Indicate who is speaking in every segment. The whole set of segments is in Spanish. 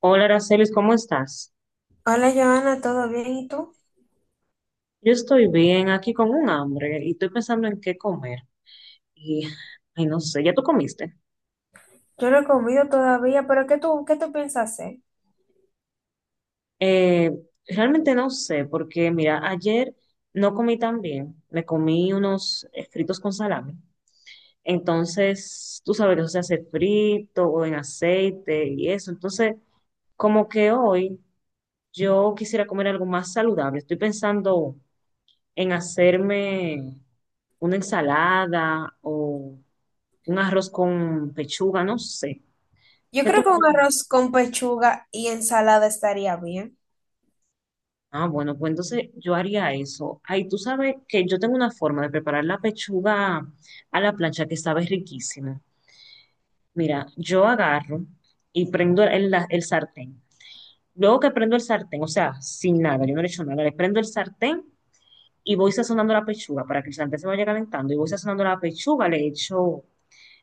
Speaker 1: Hola, Aracelis, ¿cómo estás?
Speaker 2: Hola, Joana, ¿todo bien? ¿Y tú?
Speaker 1: Yo estoy bien, aquí con un hambre y estoy pensando en qué comer. Y, Ay, no sé, ¿ya tú comiste?
Speaker 2: Yo no he comido todavía, pero ¿qué tú piensas hacer?
Speaker 1: Eh, Realmente no sé, porque mira, ayer no comí tan bien. Me comí unos fritos con salami. Entonces, tú sabes que eso se hace frito o en aceite y eso. Entonces, como que hoy yo quisiera comer algo más saludable. Estoy pensando en hacerme una ensalada o un arroz con pechuga, no sé.
Speaker 2: Yo
Speaker 1: ¿Qué tú
Speaker 2: creo que
Speaker 1: me
Speaker 2: un
Speaker 1: recomiendas?
Speaker 2: arroz con pechuga y ensalada estaría bien.
Speaker 1: Ah, bueno, pues entonces yo haría eso. Ay, tú sabes que yo tengo una forma de preparar la pechuga a la plancha que sabe riquísima. Mira, yo agarro y prendo el sartén. Luego que prendo el sartén, o sea, sin nada, yo no le echo nada, le prendo el sartén y voy sazonando la pechuga para que el sartén se vaya calentando. Y voy sazonando la pechuga, le echo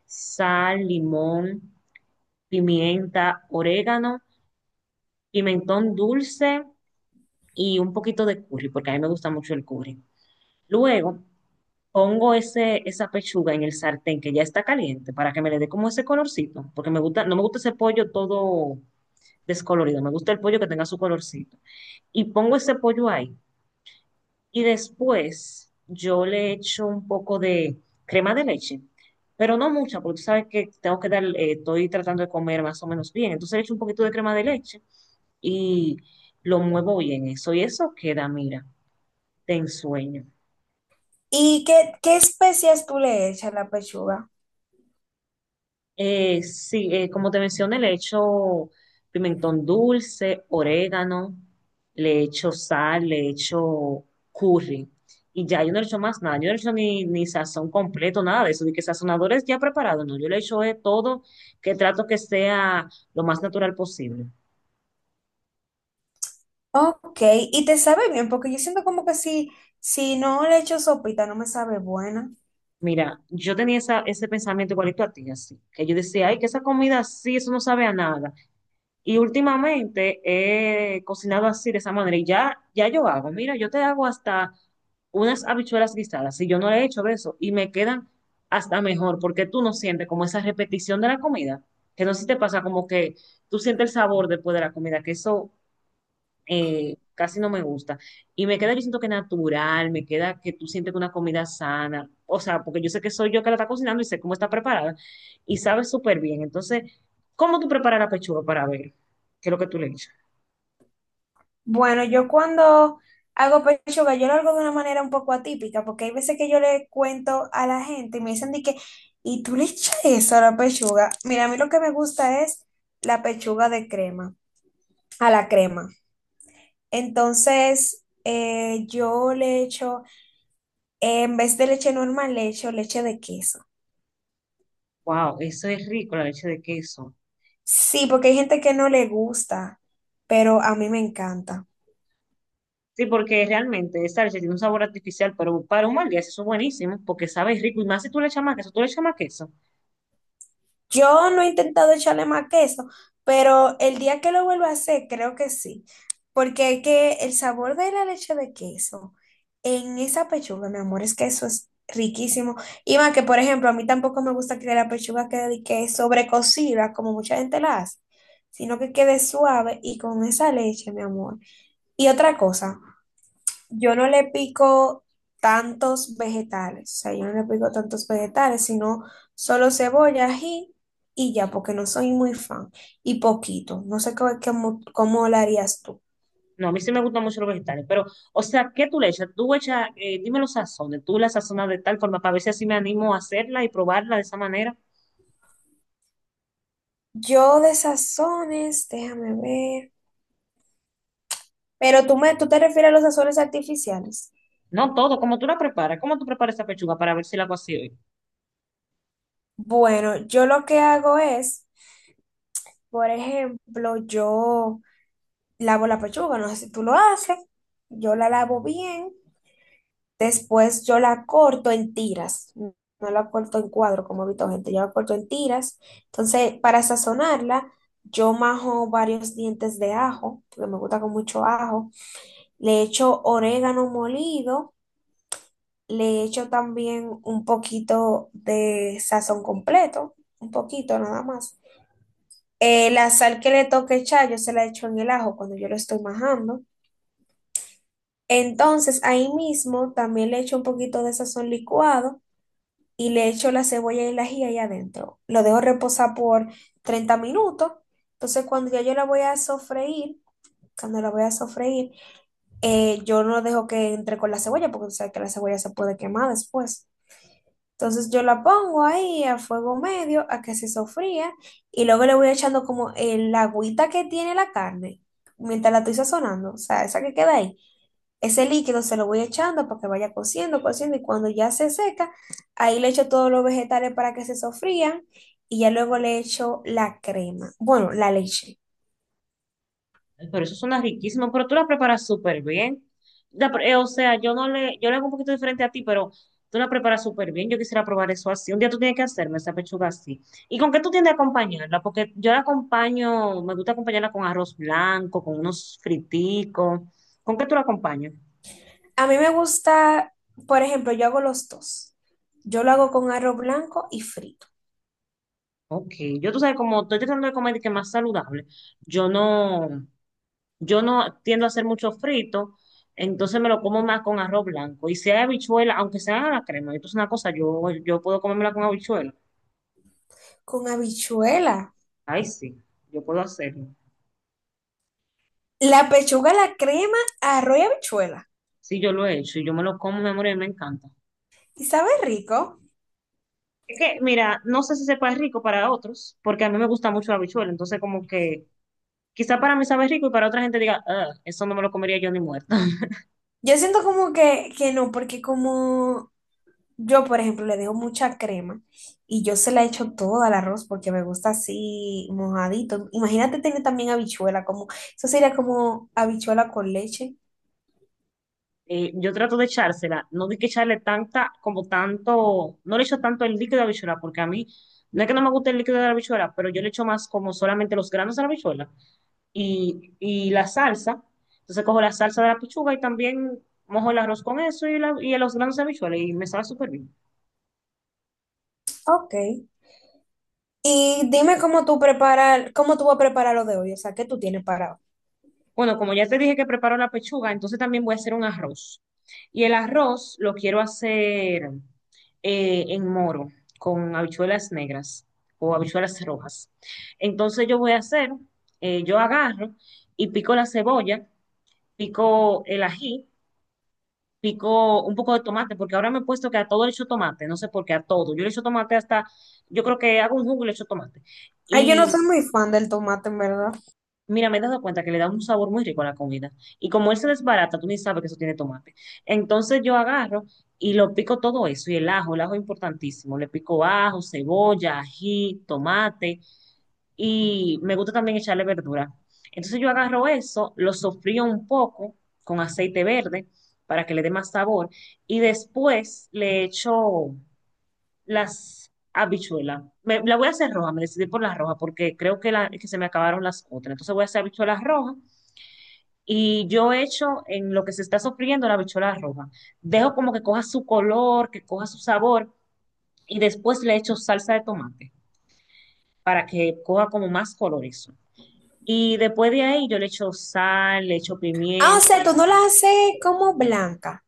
Speaker 1: sal, limón, pimienta, orégano, pimentón dulce y un poquito de curry, porque a mí me gusta mucho el curry. Luego pongo esa pechuga en el sartén que ya está caliente para que me le dé como ese colorcito, porque me gusta, no me gusta ese pollo todo descolorido, me gusta el pollo que tenga su colorcito. Y pongo ese pollo ahí y después yo le echo un poco de crema de leche. Pero no mucha, porque tú sabes que estoy tratando de comer más o menos bien. Entonces le echo un poquito de crema de leche y lo muevo bien eso. Y eso queda, mira, de ensueño.
Speaker 2: ¿Y qué especias tú le echas a la pechuga?
Speaker 1: Sí, como te mencioné, le echo pimentón dulce, orégano, le echo sal, le echo curry. Y ya yo no le echo más nada, yo no le echo ni sazón completo, nada de eso, de que sazonadores ya preparados, no, yo le echo de todo que trato que sea lo más natural posible.
Speaker 2: Ok, y te sabe bien, porque yo siento como que si no le echo sopita no me sabe buena.
Speaker 1: Mira, yo tenía ese pensamiento igualito a ti, así, que yo decía, ay, que esa comida sí, eso no sabe a nada. Y últimamente he cocinado así de esa manera y ya yo hago, mira, yo te hago hasta unas habichuelas guisadas, si yo no le he hecho de eso, y me quedan hasta mejor, porque tú no sientes como esa repetición de la comida, que no sé si te pasa como que tú sientes el sabor después de la comida, que eso casi no me gusta. Y me queda, yo siento que natural, me queda que tú sientes que una comida sana, o sea, porque yo sé que soy yo que la está cocinando y sé cómo está preparada y sabe súper bien. Entonces, ¿cómo tú preparas la pechuga para ver qué es lo que tú le echas?
Speaker 2: Bueno, yo cuando hago pechuga yo lo hago de una manera un poco atípica, porque hay veces que yo le cuento a la gente y me dicen de que, ¿y tú le echas eso a la pechuga? Mira, a mí lo que me gusta es la pechuga de crema, a la crema. Entonces, yo le echo, en vez de leche normal, le echo leche de queso.
Speaker 1: Wow, eso es rico, la leche de queso.
Speaker 2: Sí, porque hay gente que no le gusta, pero a mí me encanta.
Speaker 1: Sí, porque realmente esa leche tiene un sabor artificial, pero para un mal día eso es buenísimo, porque sabe rico y más si tú le echas más queso, tú le echas más queso.
Speaker 2: Yo no he intentado echarle más queso, pero el día que lo vuelva a hacer, creo que sí. Porque es que el sabor de la leche de queso en esa pechuga, mi amor, es que eso es riquísimo. Y más que, por ejemplo, a mí tampoco me gusta que la pechuga quede que sobrecocida, como mucha gente la hace, sino que quede suave y con esa leche, mi amor. Y otra cosa, yo no le pico tantos vegetales, o sea, yo no le pico tantos vegetales, sino solo cebolla, ají y ya, porque no soy muy fan. Y poquito, no sé cómo lo harías tú.
Speaker 1: No, a mí sí me gustan mucho los vegetales, pero, o sea, ¿qué tú le echas? Tú echas, dime los sazones, tú la sazonas de tal forma para ver si así me animo a hacerla y probarla de esa manera.
Speaker 2: Yo de sazones, déjame ver. Pero tú te refieres a los sazones artificiales.
Speaker 1: No todo, como tú la preparas, cómo tú preparas esa pechuga para ver si la hago así hoy.
Speaker 2: Bueno, yo lo que hago es, por ejemplo, yo lavo la pechuga, no sé si tú lo haces, yo la lavo bien. Después yo la corto en tiras, no la corto en cuadro como he visto gente, yo la corto en tiras. Entonces, para sazonarla, yo majo varios dientes de ajo, porque me gusta con mucho ajo. Le echo orégano molido, le echo también un poquito de sazón completo, un poquito nada más. La sal que le toque echar, yo se la echo en el ajo cuando yo lo estoy majando. Entonces, ahí mismo también le echo un poquito de sazón licuado y le echo la cebolla y el ají ahí adentro. Lo dejo reposar por 30 minutos. Entonces, cuando ya yo la voy a sofreír, cuando la voy a sofreír, yo no dejo que entre con la cebolla, porque tú sabes que la cebolla se puede quemar después. Entonces yo la pongo ahí a fuego medio a que se sofría y luego le voy echando como el agüita que tiene la carne mientras la estoy sazonando, o sea, esa que queda ahí. Ese líquido se lo voy echando para que vaya cociendo, cociendo y cuando ya se seca, ahí le echo todos los vegetales para que se sofrían y ya luego le echo la crema, bueno, la leche.
Speaker 1: Ay, pero eso suena riquísimo, pero tú la preparas súper bien. O sea, yo no le, yo le hago un poquito diferente a ti, pero tú la preparas súper bien. Yo quisiera probar eso así. Un día tú tienes que hacerme esa pechuga así. ¿Y con qué tú tiendes a acompañarla? Porque yo la acompaño, me gusta acompañarla con arroz blanco, con unos friticos. ¿Con qué tú la acompañas?
Speaker 2: A mí me gusta, por ejemplo, yo hago los dos. Yo lo hago con arroz blanco y frito,
Speaker 1: Ok, yo tú sabes, como estoy tratando de comer de que más saludable, yo no. Yo no tiendo a hacer mucho frito, entonces me lo como más con arroz blanco. Y si hay habichuela, aunque sea a la crema, esto es una cosa, yo puedo comérmela con habichuela.
Speaker 2: con habichuela.
Speaker 1: Ay, sí, yo puedo hacerlo.
Speaker 2: La pechuga, la crema, arroz y habichuela.
Speaker 1: Sí, yo lo he hecho y yo me lo como, mi amor, y me encanta.
Speaker 2: Y sabe rico.
Speaker 1: Es que, mira, no sé si sepa rico para otros, porque a mí me gusta mucho la habichuela, entonces como que quizá para mí sabe rico y para otra gente diga: "Ah, eso no me lo comería yo ni muerta".
Speaker 2: Yo siento como que no, porque como yo, por ejemplo, le dejo mucha crema y yo se la echo todo al arroz porque me gusta así mojadito. Imagínate tener también habichuela, como, eso sería como habichuela con leche.
Speaker 1: Yo trato de echársela, no di que echarle tanta, como tanto, no le echo tanto el líquido de habichuela, porque a mí, no es que no me guste el líquido de la habichuela, pero yo le echo más como solamente los granos de la habichuela y la salsa. Entonces cojo la salsa de la pichuga y también mojo el arroz con eso y los granos de habichuela y me sabe súper bien.
Speaker 2: Ok. Y dime cómo tú preparas, cómo tú vas a preparar lo de hoy, o sea, ¿qué tú tienes para hoy?
Speaker 1: Bueno, como ya te dije que preparo la pechuga, entonces también voy a hacer un arroz. Y el arroz lo quiero hacer en moro, con habichuelas negras o habichuelas rojas. Entonces yo voy a hacer, yo agarro y pico la cebolla, pico el ají, pico un poco de tomate, porque ahora me he puesto que a todo le echo tomate, no sé por qué, a todo. Yo le echo tomate hasta, yo creo que hago un jugo y le echo tomate.
Speaker 2: Ay, yo no soy muy fan del tomate, en verdad.
Speaker 1: Mira, me he dado cuenta que le da un sabor muy rico a la comida. Y como él se desbarata, tú ni sabes que eso tiene tomate. Entonces yo agarro y lo pico todo eso. Y el ajo es importantísimo. Le pico ajo, cebolla, ají, tomate. Y me gusta también echarle verdura. Entonces yo agarro eso, lo sofrío un poco con aceite verde para que le dé más sabor. Y después le echo las habichuelas. La voy a hacer roja, me decidí por las rojas porque creo que, que se me acabaron las otras. Entonces voy a hacer habichuelas rojas y yo echo en lo que se está sofriendo la bichola roja. Dejo como que coja su color, que coja su sabor y después le echo salsa de tomate para que coja como más color eso. Y después de ahí yo le echo sal, le echo
Speaker 2: Ah, o
Speaker 1: pimienta.
Speaker 2: sea, tú no la haces como blanca,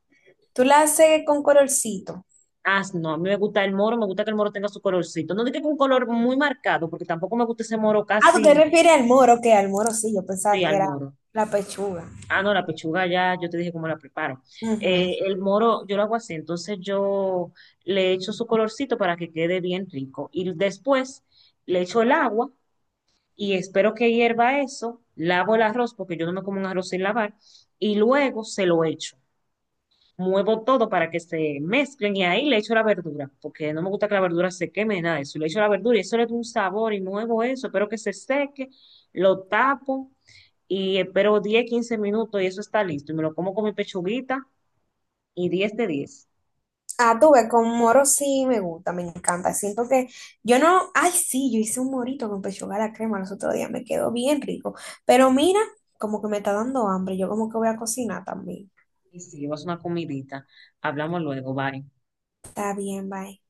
Speaker 2: tú la haces con colorcito.
Speaker 1: Ah, no, a mí me gusta el moro, me gusta que el moro tenga su colorcito. No digo que un color muy marcado, porque tampoco me gusta ese moro
Speaker 2: Ah, tú
Speaker 1: casi,
Speaker 2: te refieres al moro, que al moro sí, yo pensaba
Speaker 1: sí,
Speaker 2: que
Speaker 1: al
Speaker 2: era
Speaker 1: moro.
Speaker 2: la pechuga.
Speaker 1: Ah, no, la pechuga ya, yo te dije cómo la preparo.
Speaker 2: Ujú.
Speaker 1: El moro yo lo hago así, entonces yo le echo su colorcito para que quede bien rico. Y después le echo el agua y espero que hierva eso, lavo el arroz porque yo no me como un arroz sin lavar y luego se lo echo. Muevo todo para que se mezclen y ahí le echo la verdura, porque no me gusta que la verdura se queme, nada de eso. Le echo la verdura y eso le da un sabor y muevo eso, espero que se seque, lo tapo y espero 10 15 minutos y eso está listo. Y me lo como con mi pechuguita y 10 de 10.
Speaker 2: Ah, tú ves, con moro sí me gusta, me encanta. Siento que yo no, ay, sí, yo hice un morito con pechuga a la crema los otros días, me quedó bien rico. Pero mira, como que me está dando hambre, yo como que voy a cocinar también.
Speaker 1: Y sí, vas una comidita. Hablamos luego, bye.
Speaker 2: Está bien, bye.